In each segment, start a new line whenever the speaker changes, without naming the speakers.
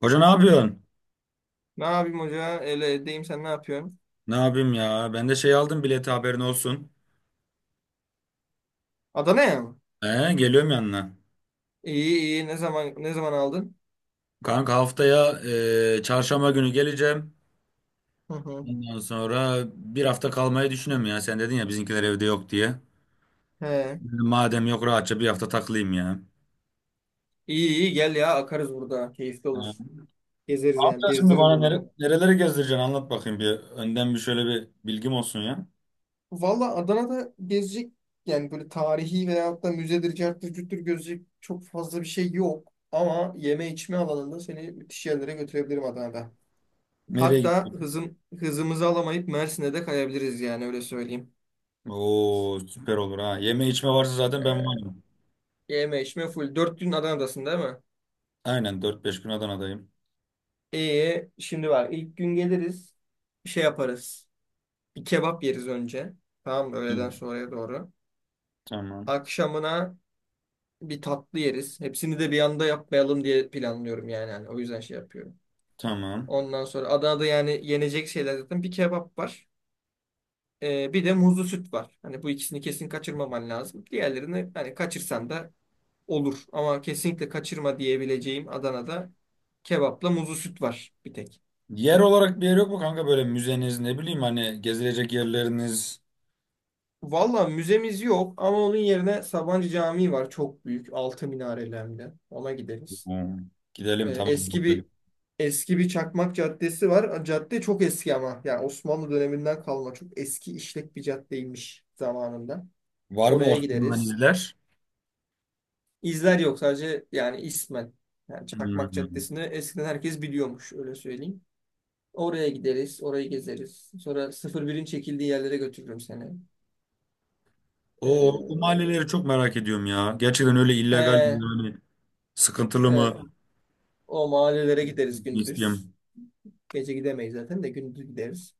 Hoca ne yapıyorsun?
Ne yapayım hoca? Öyle edeyim sen ne yapıyorsun?
Ne yapayım ya? Ben de şey aldım bileti haberin olsun.
Adana'ya mı?
Geliyorum yanına.
İyi iyi. Ne zaman aldın?
Kanka haftaya çarşamba günü geleceğim.
Hı hı.
Ondan sonra bir hafta kalmayı düşünüyorum ya. Sen dedin ya bizimkiler evde yok diye.
He.
Dedim, madem yok rahatça bir hafta takılayım ya.
İyi iyi gel ya akarız burada. Keyifli
Ee,
olur.
Ne
Gezeriz yani.
yapacağız şimdi
Gezdiririm
bana
buralara.
nereleri gezdireceksin anlat bakayım bir. Önden bir şöyle bir bilgim olsun ya.
Valla Adana'da gezecek yani böyle tarihi veyahut da müzedir, carttır, cürttür gözecek çok fazla bir şey yok. Ama yeme içme alanında seni müthiş yerlere götürebilirim Adana'da.
Nereye
Hatta
gidiyorsun?
hızımızı alamayıp Mersin'e de kayabiliriz yani öyle söyleyeyim.
Oo, süper olur ha. Yeme içme varsa zaten
Ee,
ben varım.
Yeme içme full. 4 gün Adana'dasın değil mi?
Aynen 4-5 gün Adana'dayım.
Şimdi bak ilk gün geliriz. Şey yaparız. Bir kebap yeriz önce. Tamam mı?
Hı.
Öğleden sonraya doğru.
Tamam.
Akşamına bir tatlı yeriz. Hepsini de bir anda yapmayalım diye planlıyorum yani. Hani o yüzden şey yapıyorum.
Tamam.
Ondan sonra Adana'da yani yenecek şeyler zaten bir kebap var. Bir de muzlu süt var. Hani bu ikisini kesin kaçırmaman lazım. Diğerlerini hani kaçırsan da olur. Ama kesinlikle kaçırma diyebileceğim Adana'da kebapla muzlu süt var bir tek.
Yer olarak bir yer yok mu kanka böyle müzeniz ne bileyim hani gezilecek yerleriniz?
Valla müzemiz yok ama onun yerine Sabancı Camii var. Çok büyük. Altı minareli hem de. Ona gideriz.
Hmm. Gidelim
Ee,
tamam.
eski bir eski bir Çakmak Caddesi var. Cadde çok eski ama. Yani Osmanlı döneminden kalma. Çok eski işlek bir caddeymiş zamanında.
Var mı
Oraya
Osmanlı'dan
gideriz.
izler?
İzler yok sadece yani ismen. Yani Çakmak
Hmm.
Caddesi'ni eskiden herkes biliyormuş öyle söyleyeyim. Oraya gideriz. Orayı gezeriz. Sonra sıfır birin çekildiği yerlere götürürüm seni.
O
Ee,
mahalleleri çok merak ediyorum ya. Gerçekten öyle illegal mi
e,
hani sıkıntılı
evet.
mı
O mahallelere gideriz gündüz.
isteyeyim.
Gece gidemeyiz zaten de gündüz gideriz.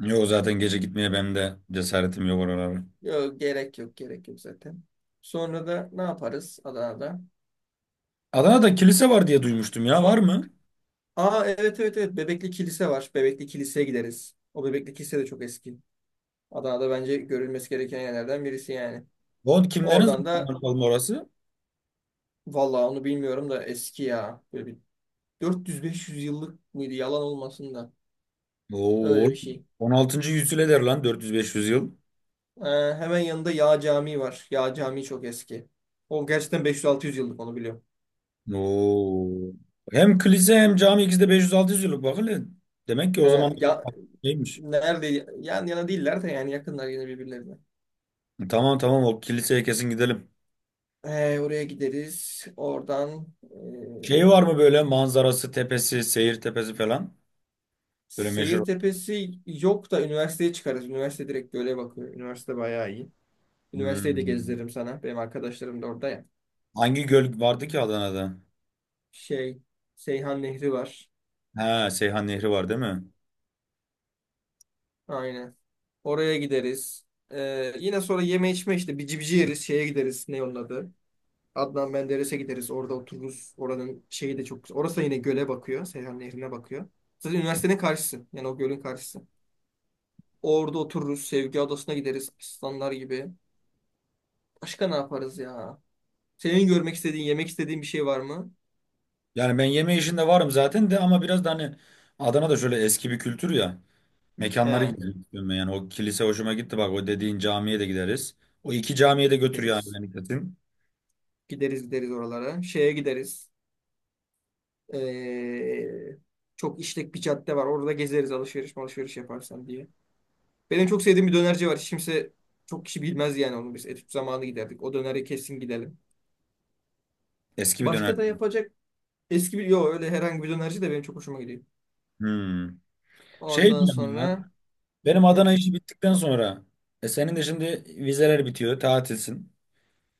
Yok zaten gece gitmeye benim de cesaretim yok oralara.
Yok gerek yok gerek yok zaten. Sonra da ne yaparız Adana'da?
Adana'da kilise var diye duymuştum ya, var mı?
Aa evet evet evet Bebekli Kilise var. Bebekli Kilise'ye gideriz. O Bebekli Kilise de çok eski. Adana'da bence görülmesi gereken yerlerden birisi yani.
O kimlerin
Oradan da
zamanı bakalım orası?
vallahi onu bilmiyorum da eski ya. Böyle bir 400-500 yıllık mıydı yalan olmasın da.
Oo,
Öyle bir şey.
16. yüzyıl eder lan 400-500 yıl.
Ee, hemen yanında Yağ Camii var. Yağ Camii çok eski. O gerçekten 500-600 yıllık onu biliyorum.
Oo. Hem kilise hem cami ikisi de 500-600 yıllık, bak hele. Demek ki o
Ee,
zaman
ya,
neymiş?
Nerede? Yan yana değiller de yani yakınlar yine birbirlerine.
Tamam, tamam, o kiliseye kesin gidelim.
Oraya gideriz. Oradan
Şey var mı böyle manzarası, tepesi, seyir tepesi falan? Böyle meşhur.
Seyir Tepesi yok da üniversiteye çıkarız. Üniversite direkt göle bakıyor. Üniversite bayağı iyi. Üniversiteyi de
Hmm.
gezdiririm sana. Benim arkadaşlarım da orada ya.
Hangi göl vardı ki Adana'da?
Şey, Seyhan Nehri var.
Ha, Seyhan Nehri var değil mi?
Aynen. Oraya gideriz. Yine sonra yeme içme işte bici bici yeriz. Şeye gideriz. Ne onun adı? Adnan Menderes'e gideriz. Orada otururuz. Oranın şeyi de çok güzel. Orası da yine göle bakıyor. Seyhan Nehri'ne bakıyor. Zaten üniversitenin karşısı. Yani o gölün karşısı. Orada otururuz. Sevgi Adası'na gideriz. Aslanlar gibi. Başka ne yaparız ya? Senin görmek istediğin, yemek istediğin bir şey var mı?
Yani ben yeme işinde varım zaten de, ama biraz da hani Adana'da şöyle eski bir kültür ya. Mekanları
He,
gidelim istiyorum ben, yani. O kilise hoşuma gitti, bak, o dediğin camiye de gideriz. O iki camiye de götür yani
gideriz.
beni kesin.
Gideriz gideriz oralara. Şeye gideriz. Ee, çok işlek bir cadde var. Orada gezeriz alışveriş alışveriş yaparsan diye. Benim çok sevdiğim bir dönerci var. Hiç kimse çok kişi bilmez yani onu. Biz etüt zamanı giderdik. O döneri kesin gidelim.
Eski bir döner.
Başka da yapacak eski bir... Yok öyle herhangi bir dönerci de benim çok hoşuma gidiyor.
Hmm. Şey
Ondan
diyorum
sonra...
ya. Benim Adana
Hı,
işi bittikten sonra senin de şimdi vizeler bitiyor, tatilsin.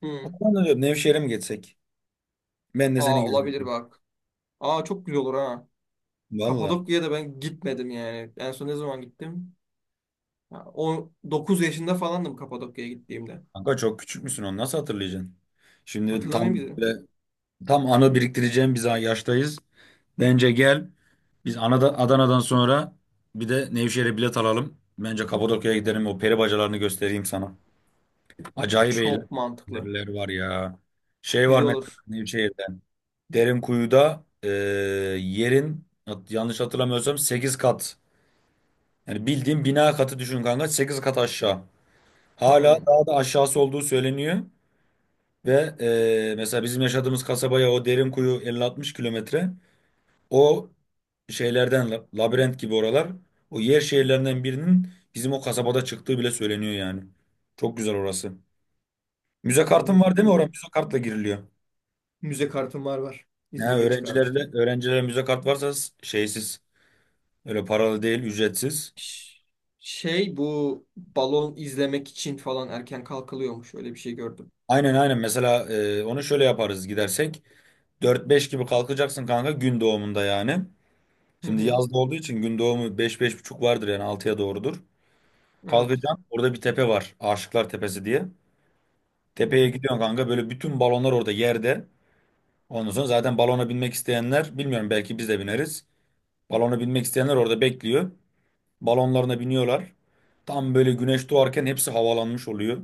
hı.
Ondan da diyorum Nevşehir'e mi geçsek? Ben de seni
Aa olabilir
gidebilirim.
bak. Aa çok güzel olur ha.
Valla.
Kapadokya'ya da ben gitmedim yani. En son ne zaman gittim? Ha, o 9 yaşında falandım Kapadokya'ya gittiğimde.
Kanka çok küçük müsün, onu nasıl hatırlayacaksın? Şimdi
Hatırlamıyor muydun?
tam anı biriktireceğim biz yaştayız. Bence gel. Biz Adana'dan sonra bir de Nevşehir'e bilet alalım. Bence Kapadokya'ya gidelim. O peri bacalarını göstereyim sana. Acayip
Çok mantıklı.
eğlenceler var ya. Şey var
Güzel
mesela
olur.
Nevşehir. Derinkuyu'da yanlış hatırlamıyorsam 8 kat. Yani bildiğin bina katı düşün kanka, 8 kat aşağı. Hala daha da aşağısı olduğu söyleniyor. Ve mesela bizim yaşadığımız kasabaya o Derinkuyu 50-60 kilometre. O labirent gibi oralar. O yer şehirlerinden birinin bizim o kasabada çıktığı bile söyleniyor yani. Çok güzel orası. Müze kartın
Hı,
var değil mi? Oraya
hı.
müze kartla giriliyor.
Müze kartım var var.
Ne
İzmir'de çıkarmıştım.
öğrencilerle öğrencilere müze kart şeysiz. Öyle paralı değil, ücretsiz.
Ş- Şey bu balon izlemek için falan erken kalkılıyormuş. Öyle bir şey gördüm.
Aynen, aynen. Mesela onu şöyle yaparız gidersek. Dört beş gibi kalkacaksın kanka, gün doğumunda yani.
Hı
Şimdi
hı.
yazda olduğu için gün doğumu beş beş buçuk vardır yani, 6'ya doğrudur.
Evet.
Kalkacaksın. Orada bir tepe var, Aşıklar Tepesi diye.
Hı
Tepeye
hı.
gidiyorsun kanka. Böyle bütün balonlar orada yerde. Ondan sonra zaten balona binmek isteyenler, bilmiyorum, belki biz de bineriz. Balona binmek isteyenler orada bekliyor. Balonlarına biniyorlar. Tam böyle güneş doğarken hepsi havalanmış oluyor.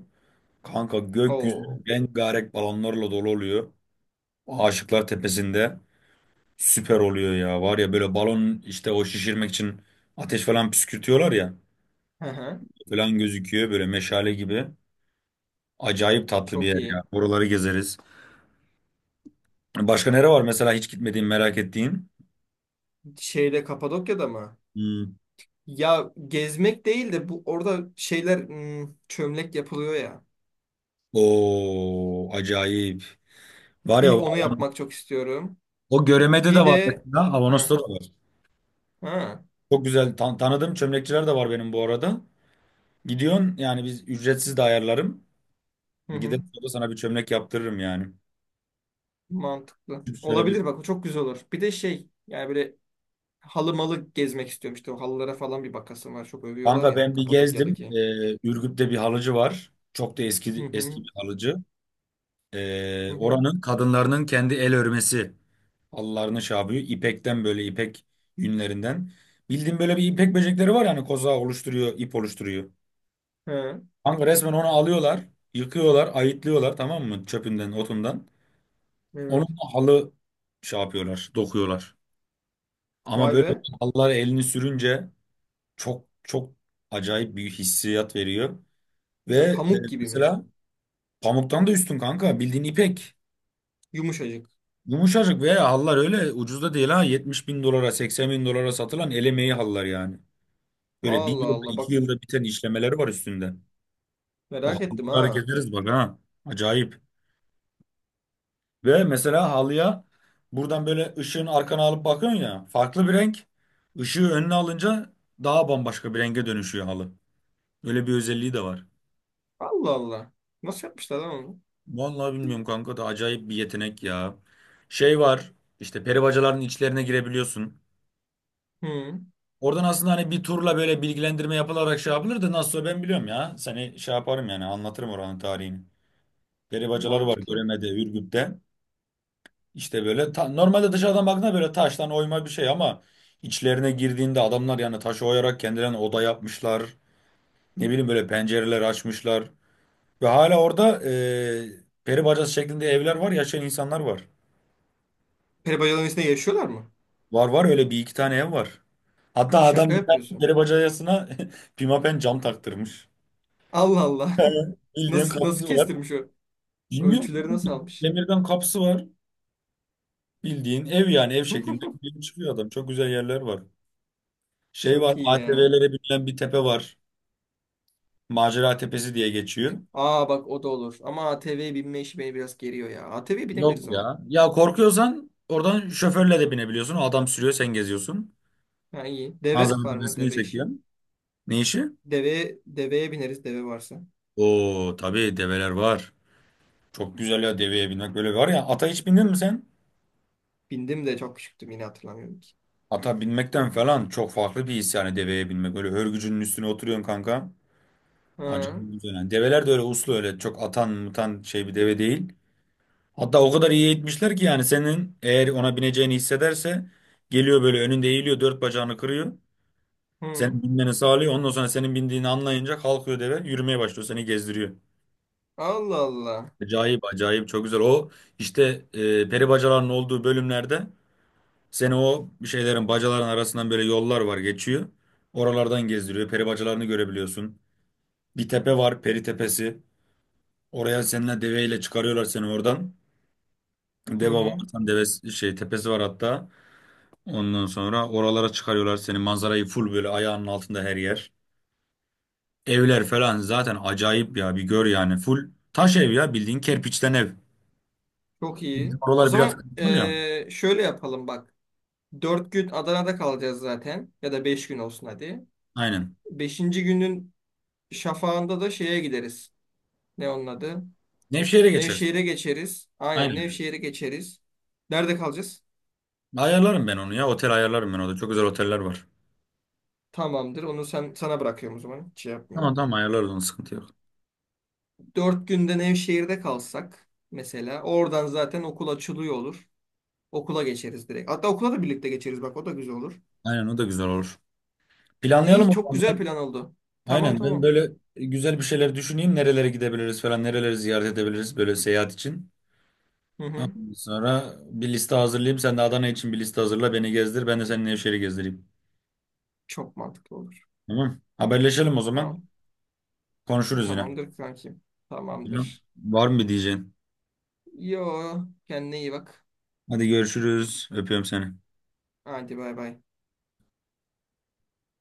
Kanka gökyüzü
Oo.
rengarenk balonlarla dolu oluyor. Aşıklar Tepesi'nde süper oluyor ya. Var ya böyle balon, işte o şişirmek için ateş falan püskürtüyorlar ya.
Hı hı.
Falan gözüküyor böyle meşale gibi. Acayip tatlı bir
Çok
yer ya.
iyi.
Oraları gezeriz. Başka nere var mesela hiç gitmediğin merak ettiğin?
Şeyde Kapadokya'da mı?
Hmm.
Ya gezmek değil de bu orada şeyler çömlek yapılıyor ya.
Oo, acayip. Var ya
Bir onu yapmak çok istiyorum.
O Göreme'de
Bir
de var
de
mesela. Avanos'ta
ha
da var.
ha
Çok güzel tanıdığım çömlekçiler de var benim bu arada. Gidiyorsun yani, biz ücretsiz de ayarlarım.
hı
Gidelim,
hı.
sonra sana bir çömlek yaptırırım yani.
Mantıklı.
Çünkü şöyle bir
Olabilir bak o çok güzel olur. Bir de şey yani böyle halı malı gezmek istiyorum işte o halılara falan bir bakasım var. Çok övüyorlar
kanka
ya
ben bir gezdim.
Kapadokya'daki.
Ürgüp'te bir halıcı var. Çok da
Hı
eski eski
hı
bir halıcı.
hı
Ee,
hı.
oranın kadınlarının kendi el örmesi halılarını şey yapıyor. İpekten böyle ipek yünlerinden. Bildiğin böyle bir ipek böcekleri var yani, koza oluşturuyor, ip oluşturuyor.
He,
Kanka resmen onu alıyorlar, yıkıyorlar, ayıtlıyorlar, tamam mı? Çöpünden, otundan.
evet.
Onunla halı şey yapıyorlar, dokuyorlar. Ama
Vay
böyle
be.
halılar elini sürünce çok çok acayip bir hissiyat veriyor. Ve
Ve pamuk gibi mi?
mesela pamuktan da üstün kanka, bildiğin ipek.
Yumuşacık.
Yumuşacık ve hallar öyle ucuz da değil ha, 70 bin dolara 80 bin dolara satılan el emeği hallar yani. Böyle bir
Allah
yılda
Allah bak
iki yılda biten işlemeleri var üstünde. O
merak ettim
halıları
ha.
gezeriz, bak ha, acayip. Ve mesela halıya buradan böyle ışığın arkana alıp bakıyorsun ya, farklı bir renk. Işığı önüne alınca daha bambaşka bir renge dönüşüyor halı. Öyle bir özelliği de var.
Allah Allah. Nasıl yapmışlar lan onu?
Vallahi bilmiyorum kanka da acayip bir yetenek ya. Şey var işte, peri bacaların içlerine girebiliyorsun.
Hı,
Oradan aslında hani bir turla böyle bilgilendirme yapılarak şey yapılır da, nasıl, o ben biliyorum ya. Seni şey yaparım yani, anlatırım oranın tarihini. Peri bacaları var
mantıklı.
Göreme'de, Ürgüp'te. İşte böyle normalde dışarıdan baktığında böyle taştan oyma bir şey ama içlerine girdiğinde adamlar yani taşı oyarak kendilerine oda yapmışlar. Ne bileyim böyle pencereler açmışlar. Ve hala orada peri bacası şeklinde evler var, yaşayan insanlar var.
Peri bacalarının içinde yaşıyorlar mı?
Var var, öyle bir iki tane ev var. Hatta
Şaka
adam bir tane
yapıyorsun.
peri bacayasına pimapen cam taktırmış.
Allah Allah.
Bildiğin
Nasıl
kapısı var.
kestirmiş o?
Bilmiyorum.
Ölçüleri nasıl almış?
Demirden kapısı var. Bildiğin ev yani, ev şeklinde gidiyor çıkıyor adam. Çok güzel yerler var. Şey var,
Çok iyi ya.
ATV'lere binilen bir tepe var. Macera Tepesi diye geçiyor.
Aa bak o da olur. Ama ATV'ye binme işi beni biraz geriyor ya. A ATV'ye
Yok
binebiliriz ama.
ya. Ya korkuyorsan oradan şoförle de binebiliyorsun. O adam sürüyor, sen geziyorsun.
Ha iyi. Deve var
Manzaranın
mı?
resmini
Deve işi.
çekiyor. Ne işi?
Deveye bineriz deve varsa.
Oo, tabii develer var. Çok güzel ya deveye binmek, böyle var ya, ata hiç bindin mi sen?
Bindim de çok küçüktüm yine hatırlamıyorum ki.
Ata binmekten falan çok farklı bir his yani deveye binmek. Öyle hörgücünün üstüne oturuyorsun kanka. Acayip
Ha.
güzel yani. Develer de öyle uslu, öyle çok atan mutan şey bir deve değil. Hatta o kadar iyi eğitmişler ki yani, senin eğer ona bineceğini hissederse geliyor böyle önünde eğiliyor, dört bacağını kırıyor.
Hı.
Senin binmeni sağlıyor. Ondan sonra senin bindiğini anlayınca kalkıyor, deve yürümeye başlıyor, seni gezdiriyor.
Allah Allah.
Acayip acayip çok güzel. O işte peri bacalarının olduğu bölümlerde seni o bir şeylerin bacaların arasından böyle yollar var geçiyor. Oralardan gezdiriyor. Peri bacalarını görebiliyorsun. Bir tepe var, peri tepesi. Oraya seninle deveyle çıkarıyorlar seni oradan.
Hı
Deva
hı.
varsan devesi şey tepesi var hatta. Ondan sonra oralara çıkarıyorlar seni. Manzarayı full böyle ayağının altında her yer. Evler falan zaten acayip ya. Bir gör yani, full taş ev ya, bildiğin kerpiçten ev.
Çok iyi.
Bizim
O
oralar biraz
zaman
kısıtlı ya.
şöyle yapalım bak. 4 gün Adana'da kalacağız zaten. Ya da 5 gün olsun hadi.
Aynen.
Beşinci günün şafağında da şeye gideriz. Ne onun adı?
Nevşehir'e geçersin.
Nevşehir'e geçeriz. Aynen
Aynen.
Nevşehir'e geçeriz. Nerede kalacağız?
Ayarlarım ben onu ya. Otel ayarlarım ben orada. Çok güzel oteller var.
Tamamdır. Onu sen sana bırakıyorum o zaman. Hiç şey
Tamam,
yapmıyorum.
tamam, ayarlarız onu, sıkıntı yok.
4 günde Nevşehir'de kalsak mesela oradan zaten okul açılıyor olur. Okula geçeriz direkt. Hatta okula da birlikte geçeriz. Bak o da güzel olur.
Aynen, o da güzel olur. Planlayalım
İyi
o
çok
zaman
güzel
ben.
plan oldu. Tamam
Aynen, ben
tamam.
böyle güzel bir şeyler düşüneyim. Nerelere gidebiliriz falan, nereleri ziyaret edebiliriz böyle seyahat için.
Hı hı.
Ondan sonra bir liste hazırlayayım. Sen de Adana için bir liste hazırla. Beni gezdir. Ben de seninle Nevşehir'i gezdireyim.
Çok mantıklı olur.
Tamam. Haberleşelim o zaman.
Tamam.
Konuşuruz yine.
Tamamdır kankim.
Tamam.
Tamamdır.
Var mı bir diyeceğin?
Yo kendine iyi bak.
Hadi görüşürüz. Öpüyorum seni.
Hadi bay bay.